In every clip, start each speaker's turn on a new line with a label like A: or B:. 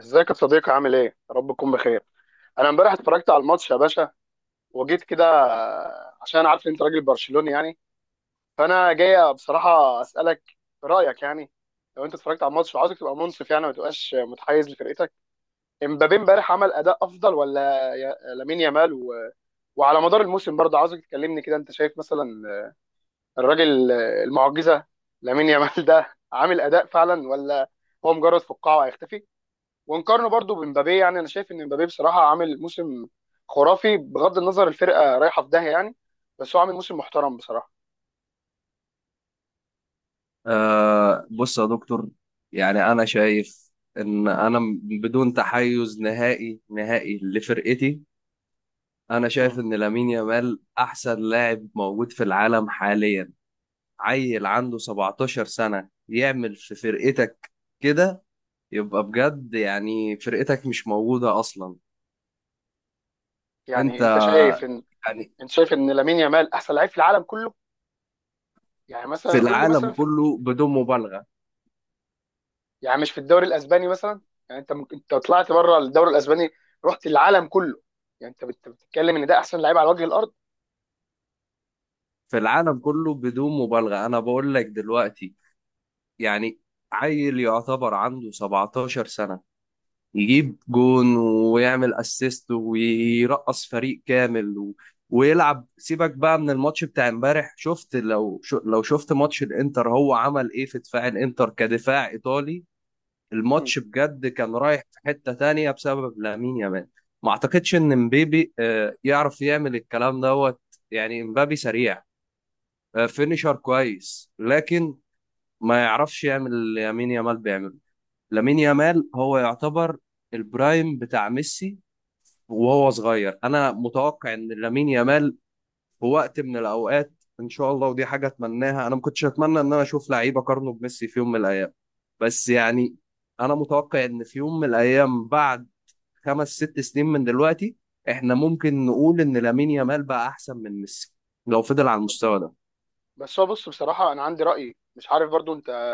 A: ازيك يا صديقي؟ عامل ايه؟ يا رب تكون بخير. انا امبارح اتفرجت على الماتش يا باشا وجيت كده. عشان انا عارف ان انت راجل برشلوني يعني، فانا جاي بصراحه اسالك رايك يعني. لو انت اتفرجت على الماتش وعاوزك تبقى منصف، يعني ما تبقاش متحيز لفرقتك، امبابي امبارح عمل اداء افضل ولا لامين يامال وعلى مدار الموسم برضه؟ عاوزك تكلمني كده انت شايف مثلا الراجل المعجزه لامين يامال ده عامل اداء فعلا، ولا هو مجرد فقاعه هيختفي؟ ونقارنه برضو بمبابي. يعني انا شايف ان مبابي بصراحه عامل موسم خرافي، بغض النظر الفرقه رايحه في داهيه يعني، بس هو عامل موسم محترم بصراحه.
B: آه، بص يا دكتور، يعني أنا شايف إن بدون تحيز نهائي نهائي لفرقتي. أنا
A: مم.
B: شايف إن لامين يامال أحسن لاعب موجود في العالم حاليا. عيل عنده 17 سنة يعمل في فرقتك كده، يبقى بجد يعني فرقتك مش موجودة أصلا. أنت
A: يعني انت شايف ان
B: يعني،
A: انت شايف ان لامين يامال احسن لعيب في العالم كله؟ يعني
B: في
A: مثلا قول لي
B: العالم
A: مثلا
B: كله بدون مبالغة.
A: يعني مش في الدوري الاسباني مثلا؟ يعني انت ممكن انت طلعت بره الدوري الاسباني رحت العالم كله، يعني انت بتتكلم ان ده احسن لعيب على وجه الارض.
B: في العالم كله بدون مبالغة، أنا بقول لك دلوقتي. يعني عيل يعتبر عنده 17 سنة يجيب جون ويعمل اسيست ويرقص فريق كامل و... ويلعب. سيبك بقى من الماتش بتاع امبارح، شفت، لو شفت ماتش الانتر، هو عمل ايه في دفاع الانتر كدفاع ايطالي؟
A: مم.
B: الماتش بجد كان رايح في حتة تانية بسبب لامين يامال. ما اعتقدش ان مبابي يعرف يعمل الكلام دوت. يعني مبابي سريع، فينيشر كويس، لكن ما يعرفش يعمل اللي يمين يامال بيعمله. لامين يامال هو يعتبر البرايم بتاع ميسي وهو صغير. انا متوقع ان لامين يامال في وقت من الاوقات، ان شاء الله، ودي حاجه اتمناها. انا ما كنتش اتمنى ان انا اشوف لعيب اقارنه بميسي في يوم من الايام، بس يعني انا متوقع ان في يوم من الايام بعد 5 6 سنين من دلوقتي احنا ممكن نقول ان لامين يامال بقى احسن من ميسي لو فضل على المستوى ده.
A: بس هو بص، بصراحه انا عندي راي مش عارف برضو انت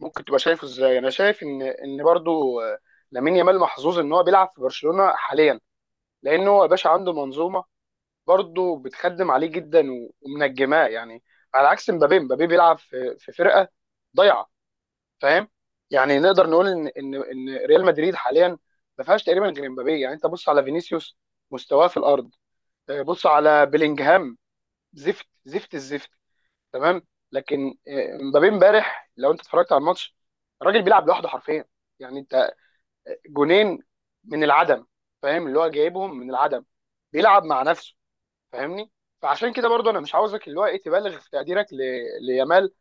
A: ممكن تبقى شايفه ازاي. انا شايف ان برضو، لامين يامال محظوظ ان هو بيلعب في برشلونه حاليا، لانه هو يا باشا عنده منظومه برضو بتخدم عليه جدا ومنجماه يعني، على عكس مبابي. مبابي بيلعب في فرقه ضايعه، فاهم. يعني نقدر نقول ان ريال مدريد حاليا ما فيهاش تقريبا غير مبابي. يعني انت بص على فينيسيوس، مستواه في الارض. بص على بيلينجهام، زفت زفت الزفت، تمام. لكن مبابي امبارح لو انت اتفرجت على الماتش، الراجل بيلعب لوحده حرفيا. يعني انت، جونين من العدم، فاهم؟ اللي هو جايبهم من العدم، بيلعب مع نفسه، فاهمني. فعشان كده برضو انا مش عاوزك اللي هو ايه تبالغ في تقديرك ليامال،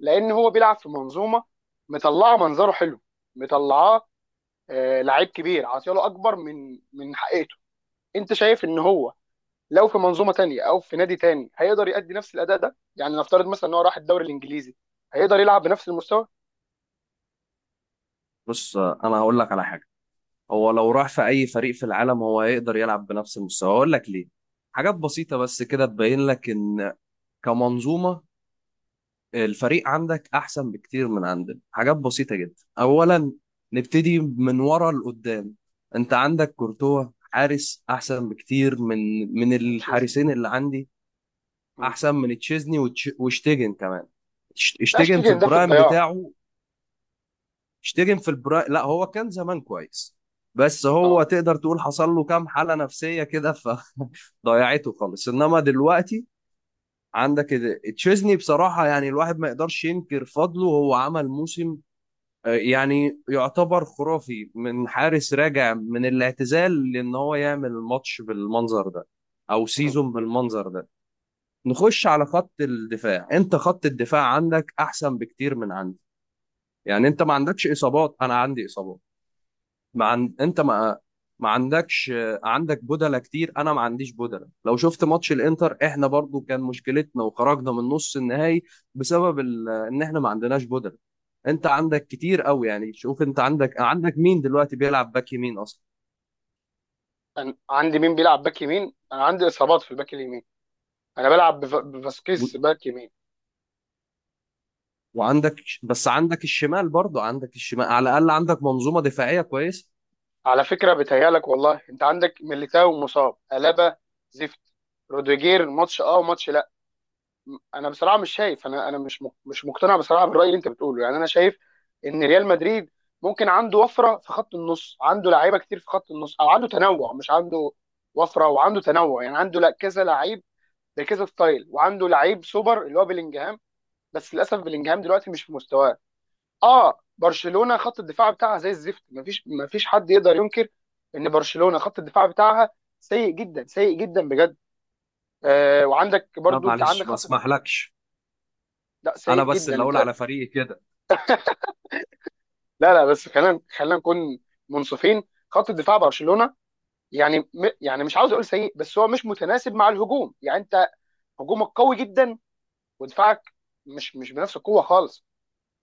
A: لان هو بيلعب في منظومه مطلعه منظره حلو، مطلعاه آه لعيب كبير، عاطياله اكبر من حقيقته. انت شايف ان هو لو في منظومه تانية او في نادي تاني هيقدر يأدي نفس الاداء ده؟ يعني نفترض مثلا ان هو راح الدوري الانجليزي، هيقدر يلعب بنفس المستوى؟
B: بص، انا هقول لك على حاجه. هو لو راح في اي فريق في العالم هو هيقدر يلعب بنفس المستوى. اقول لك ليه. حاجات بسيطة بس كده تبين لك ان كمنظومة الفريق عندك احسن بكتير من عندنا. حاجات بسيطة جدا، اولا نبتدي من ورا لقدام. انت عندك كورتوا، حارس احسن بكتير من
A: مانشيزني.
B: الحارسين اللي عندي.
A: مم.
B: احسن من تشيزني وشتيجن كمان.
A: لا،
B: شتيجن في
A: اشتري ده في
B: البرايم
A: الضياع.
B: بتاعه اشتغل في البرا. لا، هو كان زمان كويس، بس هو
A: اه.
B: تقدر تقول حصل له كام حالة نفسية كده فضيعته خالص. انما دلوقتي عندك تشيزني بصراحة، يعني الواحد ما يقدرش ينكر فضله، هو عمل موسم يعني يعتبر خرافي من حارس راجع من الاعتزال، لان هو يعمل ماتش بالمنظر ده او
A: مم.
B: سيزون بالمنظر ده. نخش على خط الدفاع. انت خط الدفاع عندك احسن بكتير من عندي. يعني انت ما عندكش اصابات، انا عندي اصابات. ما عن... انت ما عندكش، عندك بدلة كتير، انا ما عنديش بدلة. لو شفت ماتش الانتر احنا برضو كان مشكلتنا وخرجنا من نص النهائي ان احنا ما عندناش بدلة. انت عندك كتير قوي، يعني شوف، انت عندك مين دلوقتي بيلعب باك يمين اصلا؟
A: انا عندي مين بيلعب باك يمين؟ انا عندي اصابات في الباك اليمين، انا بلعب
B: و...
A: بفاسكيز باك يمين.
B: وعندك، بس عندك الشمال، برضو عندك الشمال، على الاقل عندك منظومة دفاعية كويسة.
A: على فكره، بتهيالك والله، انت عندك ميليتاو مصاب، ألابا زفت، روديجير ماتش اه وماتش. انا بصراحه مش شايف، انا مش مقتنع بصراحه بالراي اللي انت بتقوله. يعني انا شايف ان ريال مدريد ممكن عنده وفره في خط النص، عنده لعيبه كتير في خط النص، او عنده تنوع. مش عنده وفره، وعنده تنوع. يعني عنده لا كذا لعيب بكذا ستايل، وعنده لعيب سوبر اللي هو بلينجهام، بس للاسف بلينجهام دلوقتي مش في مستواه. اه، برشلونه خط الدفاع بتاعها زي الزفت، مفيش حد يقدر ينكر ان برشلونه خط الدفاع بتاعها سيء جدا، سيء جدا بجد. آه وعندك
B: لا،
A: برضو، انت عندك
B: معلش، ما
A: خط.
B: اسمحلكش،
A: لا
B: انا
A: سيء
B: بس
A: جدا
B: اللي اقول
A: انت.
B: على فريقي كده.
A: لا لا، بس خلينا نكون منصفين. خط الدفاع برشلونه، يعني يعني مش عاوز اقول سيء، بس هو مش متناسب مع الهجوم. يعني انت هجومك قوي جدا، ودفاعك مش بنفس القوه خالص.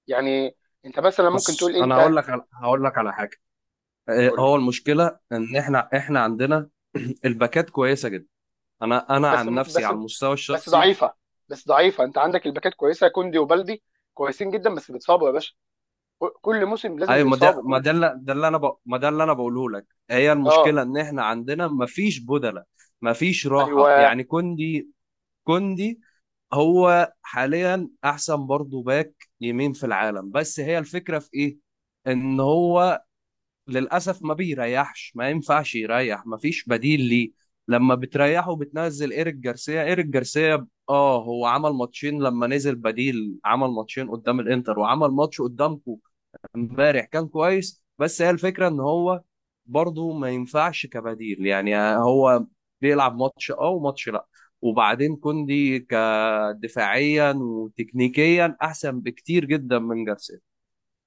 A: يعني انت مثلا ممكن تقول
B: بص
A: إيه؟
B: انا
A: انت
B: هقول لك على حاجة.
A: قول لي.
B: هو المشكله ان احنا عندنا الباكات كويسه جدا. انا
A: بس
B: عن نفسي
A: بس
B: على المستوى
A: بس
B: الشخصي،
A: ضعيفه، بس ضعيفه. انت عندك الباكات كويسه، كوندي وبلدي كويسين جدا، بس بيتصابوا يا باشا. كل موسم لازم
B: ايوه،
A: بيتصابوا
B: ما
A: كل.
B: ده اللي ده ما ده اللي انا بقوله لك، هي
A: اه.
B: المشكله ان احنا عندنا ما فيش بدله، ما فيش راحه.
A: ايوه.
B: يعني كوندي هو حاليا احسن برضه باك يمين في العالم، بس هي الفكره في ايه؟ ان هو للاسف ما بيريحش، ما ينفعش يريح، ما فيش بديل ليه. لما بتريحه بتنزل ايريك جارسيا. ايريك جارسيا هو عمل ماتشين. لما نزل بديل عمل ماتشين قدام الانتر وعمل ماتش قدامكو امبارح كان كويس. بس هي الفكره ان هو برضه ما ينفعش كبديل، يعني هو بيلعب ماتش اه وماتش لا. وبعدين كوندي كدفاعيا وتكنيكيا احسن بكتير جدا من جارسيا.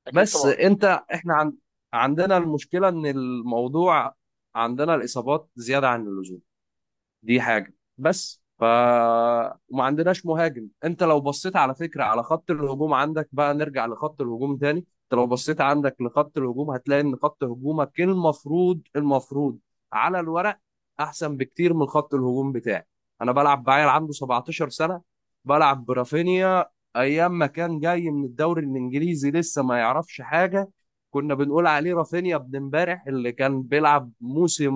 A: اكيد
B: بس
A: طبعا.
B: انت، عندنا المشكلة ان الموضوع عندنا الإصابات زيادة عن اللزوم، دي حاجة. بس وما عندناش مهاجم. انت لو بصيت على فكرة على خط الهجوم، عندك بقى، نرجع لخط الهجوم تاني. انت لو بصيت عندك لخط الهجوم هتلاقي ان خط هجومك المفروض على الورق احسن بكتير من خط الهجوم بتاعي. انا بلعب بعيل عنده 17 سنة، بلعب برافينيا ايام ما كان جاي من الدوري الانجليزي لسه ما يعرفش حاجة، كنا بنقول عليه رافينيا ابن امبارح، اللي كان بيلعب موسم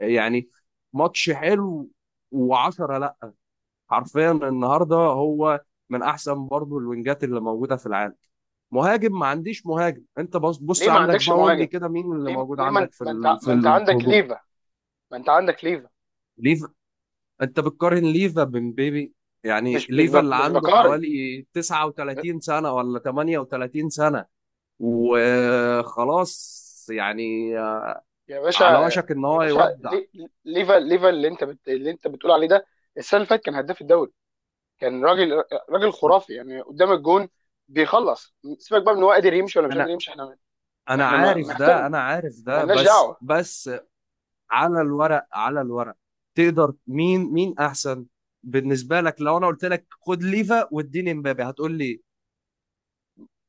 B: يعني ماتش حلو و10 لا، حرفيا النهارده هو من احسن برضه الوينجات اللي موجوده في العالم. مهاجم ما عنديش مهاجم. انت بص بص،
A: ليه ما
B: عندك
A: عندكش
B: بقى قول لي
A: مهاجم؟
B: كده مين اللي
A: ليه؟
B: موجود عندك في
A: ما انت عندك
B: الهجوم؟
A: ليفا، ما انت عندك ليفا.
B: ليفا؟ انت بتقارن ليفا بمبابي؟ يعني ليفا اللي
A: مش
B: عنده
A: بقارن.
B: حوالي
A: ب-
B: 39 سنة ولا 38 سنة وخلاص، يعني
A: يا باشا،
B: على وشك ان
A: يا
B: هو
A: باشا
B: يودع.
A: لي- ليفا، ليفا اللي انت بتقول عليه ده السنه اللي فاتت كان هداف الدوري، كان راجل، راجل خرافي يعني قدام الجون، بيخلص. سيبك بقى من هو قادر يمشي ولا مش قادر
B: انا
A: يمشي، احنا
B: انا
A: احنا ما
B: عارف
A: ما
B: ده، انا عارف
A: ما
B: ده،
A: لناش
B: بس
A: دعوه.
B: بس على الورق، على الورق، تقدر مين احسن بالنسبه لك؟ لو انا قلت لك خد ليفا واديني مبابي هتقول لي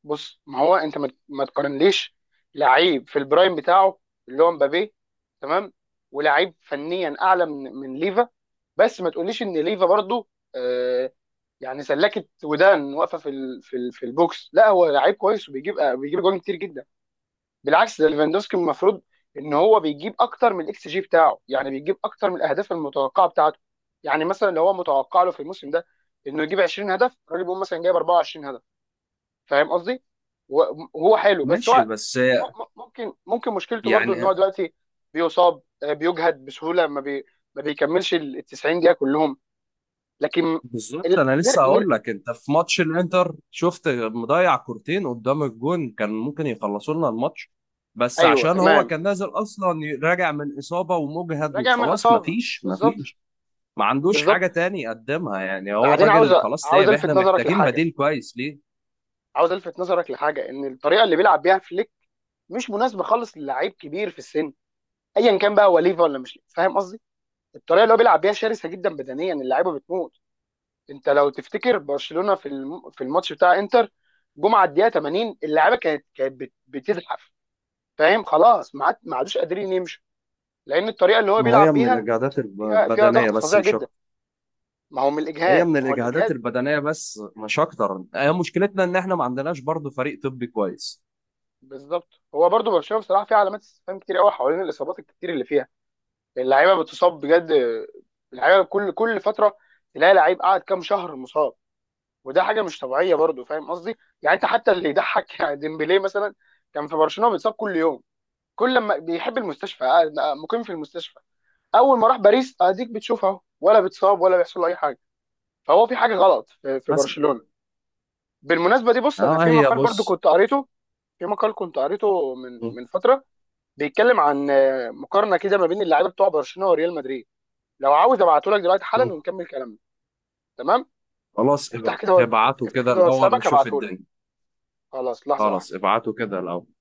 A: بص، ما هو انت، ما تقارنليش لعيب في البرايم بتاعه اللي هو مبابي، تمام، ولعيب فنيا اعلى من ليفا. بس ما تقوليش ان ليفا برضو، آه، يعني سلكت ودان واقفه في البوكس. لا، هو لعيب كويس، وبيجيب، بيجيب جوان كتير جدا. بالعكس، ده ليفاندوسكي المفروض ان هو بيجيب اكتر من الاكس جي بتاعه، يعني بيجيب اكتر من الاهداف المتوقعه بتاعته. يعني مثلا لو هو متوقع له في الموسم ده انه يجيب 20 هدف، الراجل بيقول مثلا جايب 24 هدف، فاهم قصدي. و- وهو حلو، بس
B: ماشي،
A: هو
B: بس
A: ممكن مشكلته برضو
B: يعني
A: ان هو دلوقتي بيصاب، بيجهد بسهوله، ما بيكملش ال 90 دقيقه كلهم. لكن
B: بالظبط.
A: ال...
B: انا
A: نر...
B: لسه هقول
A: نر...
B: لك، انت في ماتش الانتر شفت مضيع كورتين قدام الجون كان ممكن يخلصوا لنا الماتش، بس
A: ايوه
B: عشان هو
A: تمام.
B: كان نازل اصلا راجع من اصابه ومجهد
A: راجع من
B: وخلاص،
A: اصابه.
B: مفيش
A: بالظبط.
B: مفيش ما عندوش
A: بالظبط.
B: حاجه تاني يقدمها، يعني هو
A: بعدين عاوز،
B: الراجل خلاص
A: عاوز
B: تعب، احنا
A: الفت نظرك
B: محتاجين
A: لحاجه
B: بديل كويس ليه.
A: عاوز الفت نظرك لحاجه. ان الطريقه اللي بيلعب بيها فليك مش مناسبه خالص للعيب كبير في السن، ايا كان بقى هو ليفا ولا مش ليفا. فاهم قصدي. الطريقه اللي هو بيلعب بيها شرسه جدا بدنيا، اللعيبه بتموت. انت لو تفتكر برشلونه في الماتش بتاع انتر جمعه، الدقيقه 80 اللعيبه كانت بتزحف. فاهم؟ خلاص ما عادوش قادرين يمشوا، لان الطريقه اللي هو
B: ما هي
A: بيلعب
B: من
A: بيها
B: الإجهادات
A: فيها
B: البدنية
A: ضغط
B: بس
A: فظيع
B: مش
A: جدا.
B: أكتر.
A: ما هو من
B: هي
A: الاجهاد،
B: من
A: ما هو
B: الإجهادات
A: الاجهاد.
B: البدنية بس مش أكتر، هي مشكلتنا إن إحنا ما عندناش برضه فريق طبي كويس.
A: بالظبط. هو برضو برشلونه بصراحه فيها علامات استفهام كتير قوي حوالين الاصابات الكتير اللي فيها. اللعيبه بتصاب بجد، اللعيبه كل فتره تلاقي لعيب قاعد كام شهر مصاب، وده حاجه مش طبيعيه برضو، فاهم قصدي. يعني انت حتى اللي يضحك يعني ديمبلي مثلا كان في برشلونه بيتصاب كل يوم، كل لما بيحب المستشفى قاعد، مقيم في المستشفى. اول ما راح باريس اديك بتشوف، اهو ولا بيتصاب ولا بيحصل له اي حاجه. فهو في حاجه غلط في
B: مثلا،
A: برشلونه. بالمناسبه دي، بص انا في
B: هي،
A: مقال برضو
B: بص.
A: كنت قريته، من
B: م-
A: فتره، بيتكلم عن، مقارنه كده ما بين اللعيبه بتوع برشلونه وريال مدريد. لو عاوز ابعته لك دلوقتي
B: م.
A: حالا ونكمل كلامنا. تمام.
B: خلاص،
A: افتح كده
B: ابعتوا
A: افتح
B: كده
A: كده
B: الأول
A: واتسابك
B: نشوف
A: هبعته لك.
B: الدنيا.
A: خلاص، لحظه
B: خلاص
A: واحدة.
B: ابعتوا كده الأول.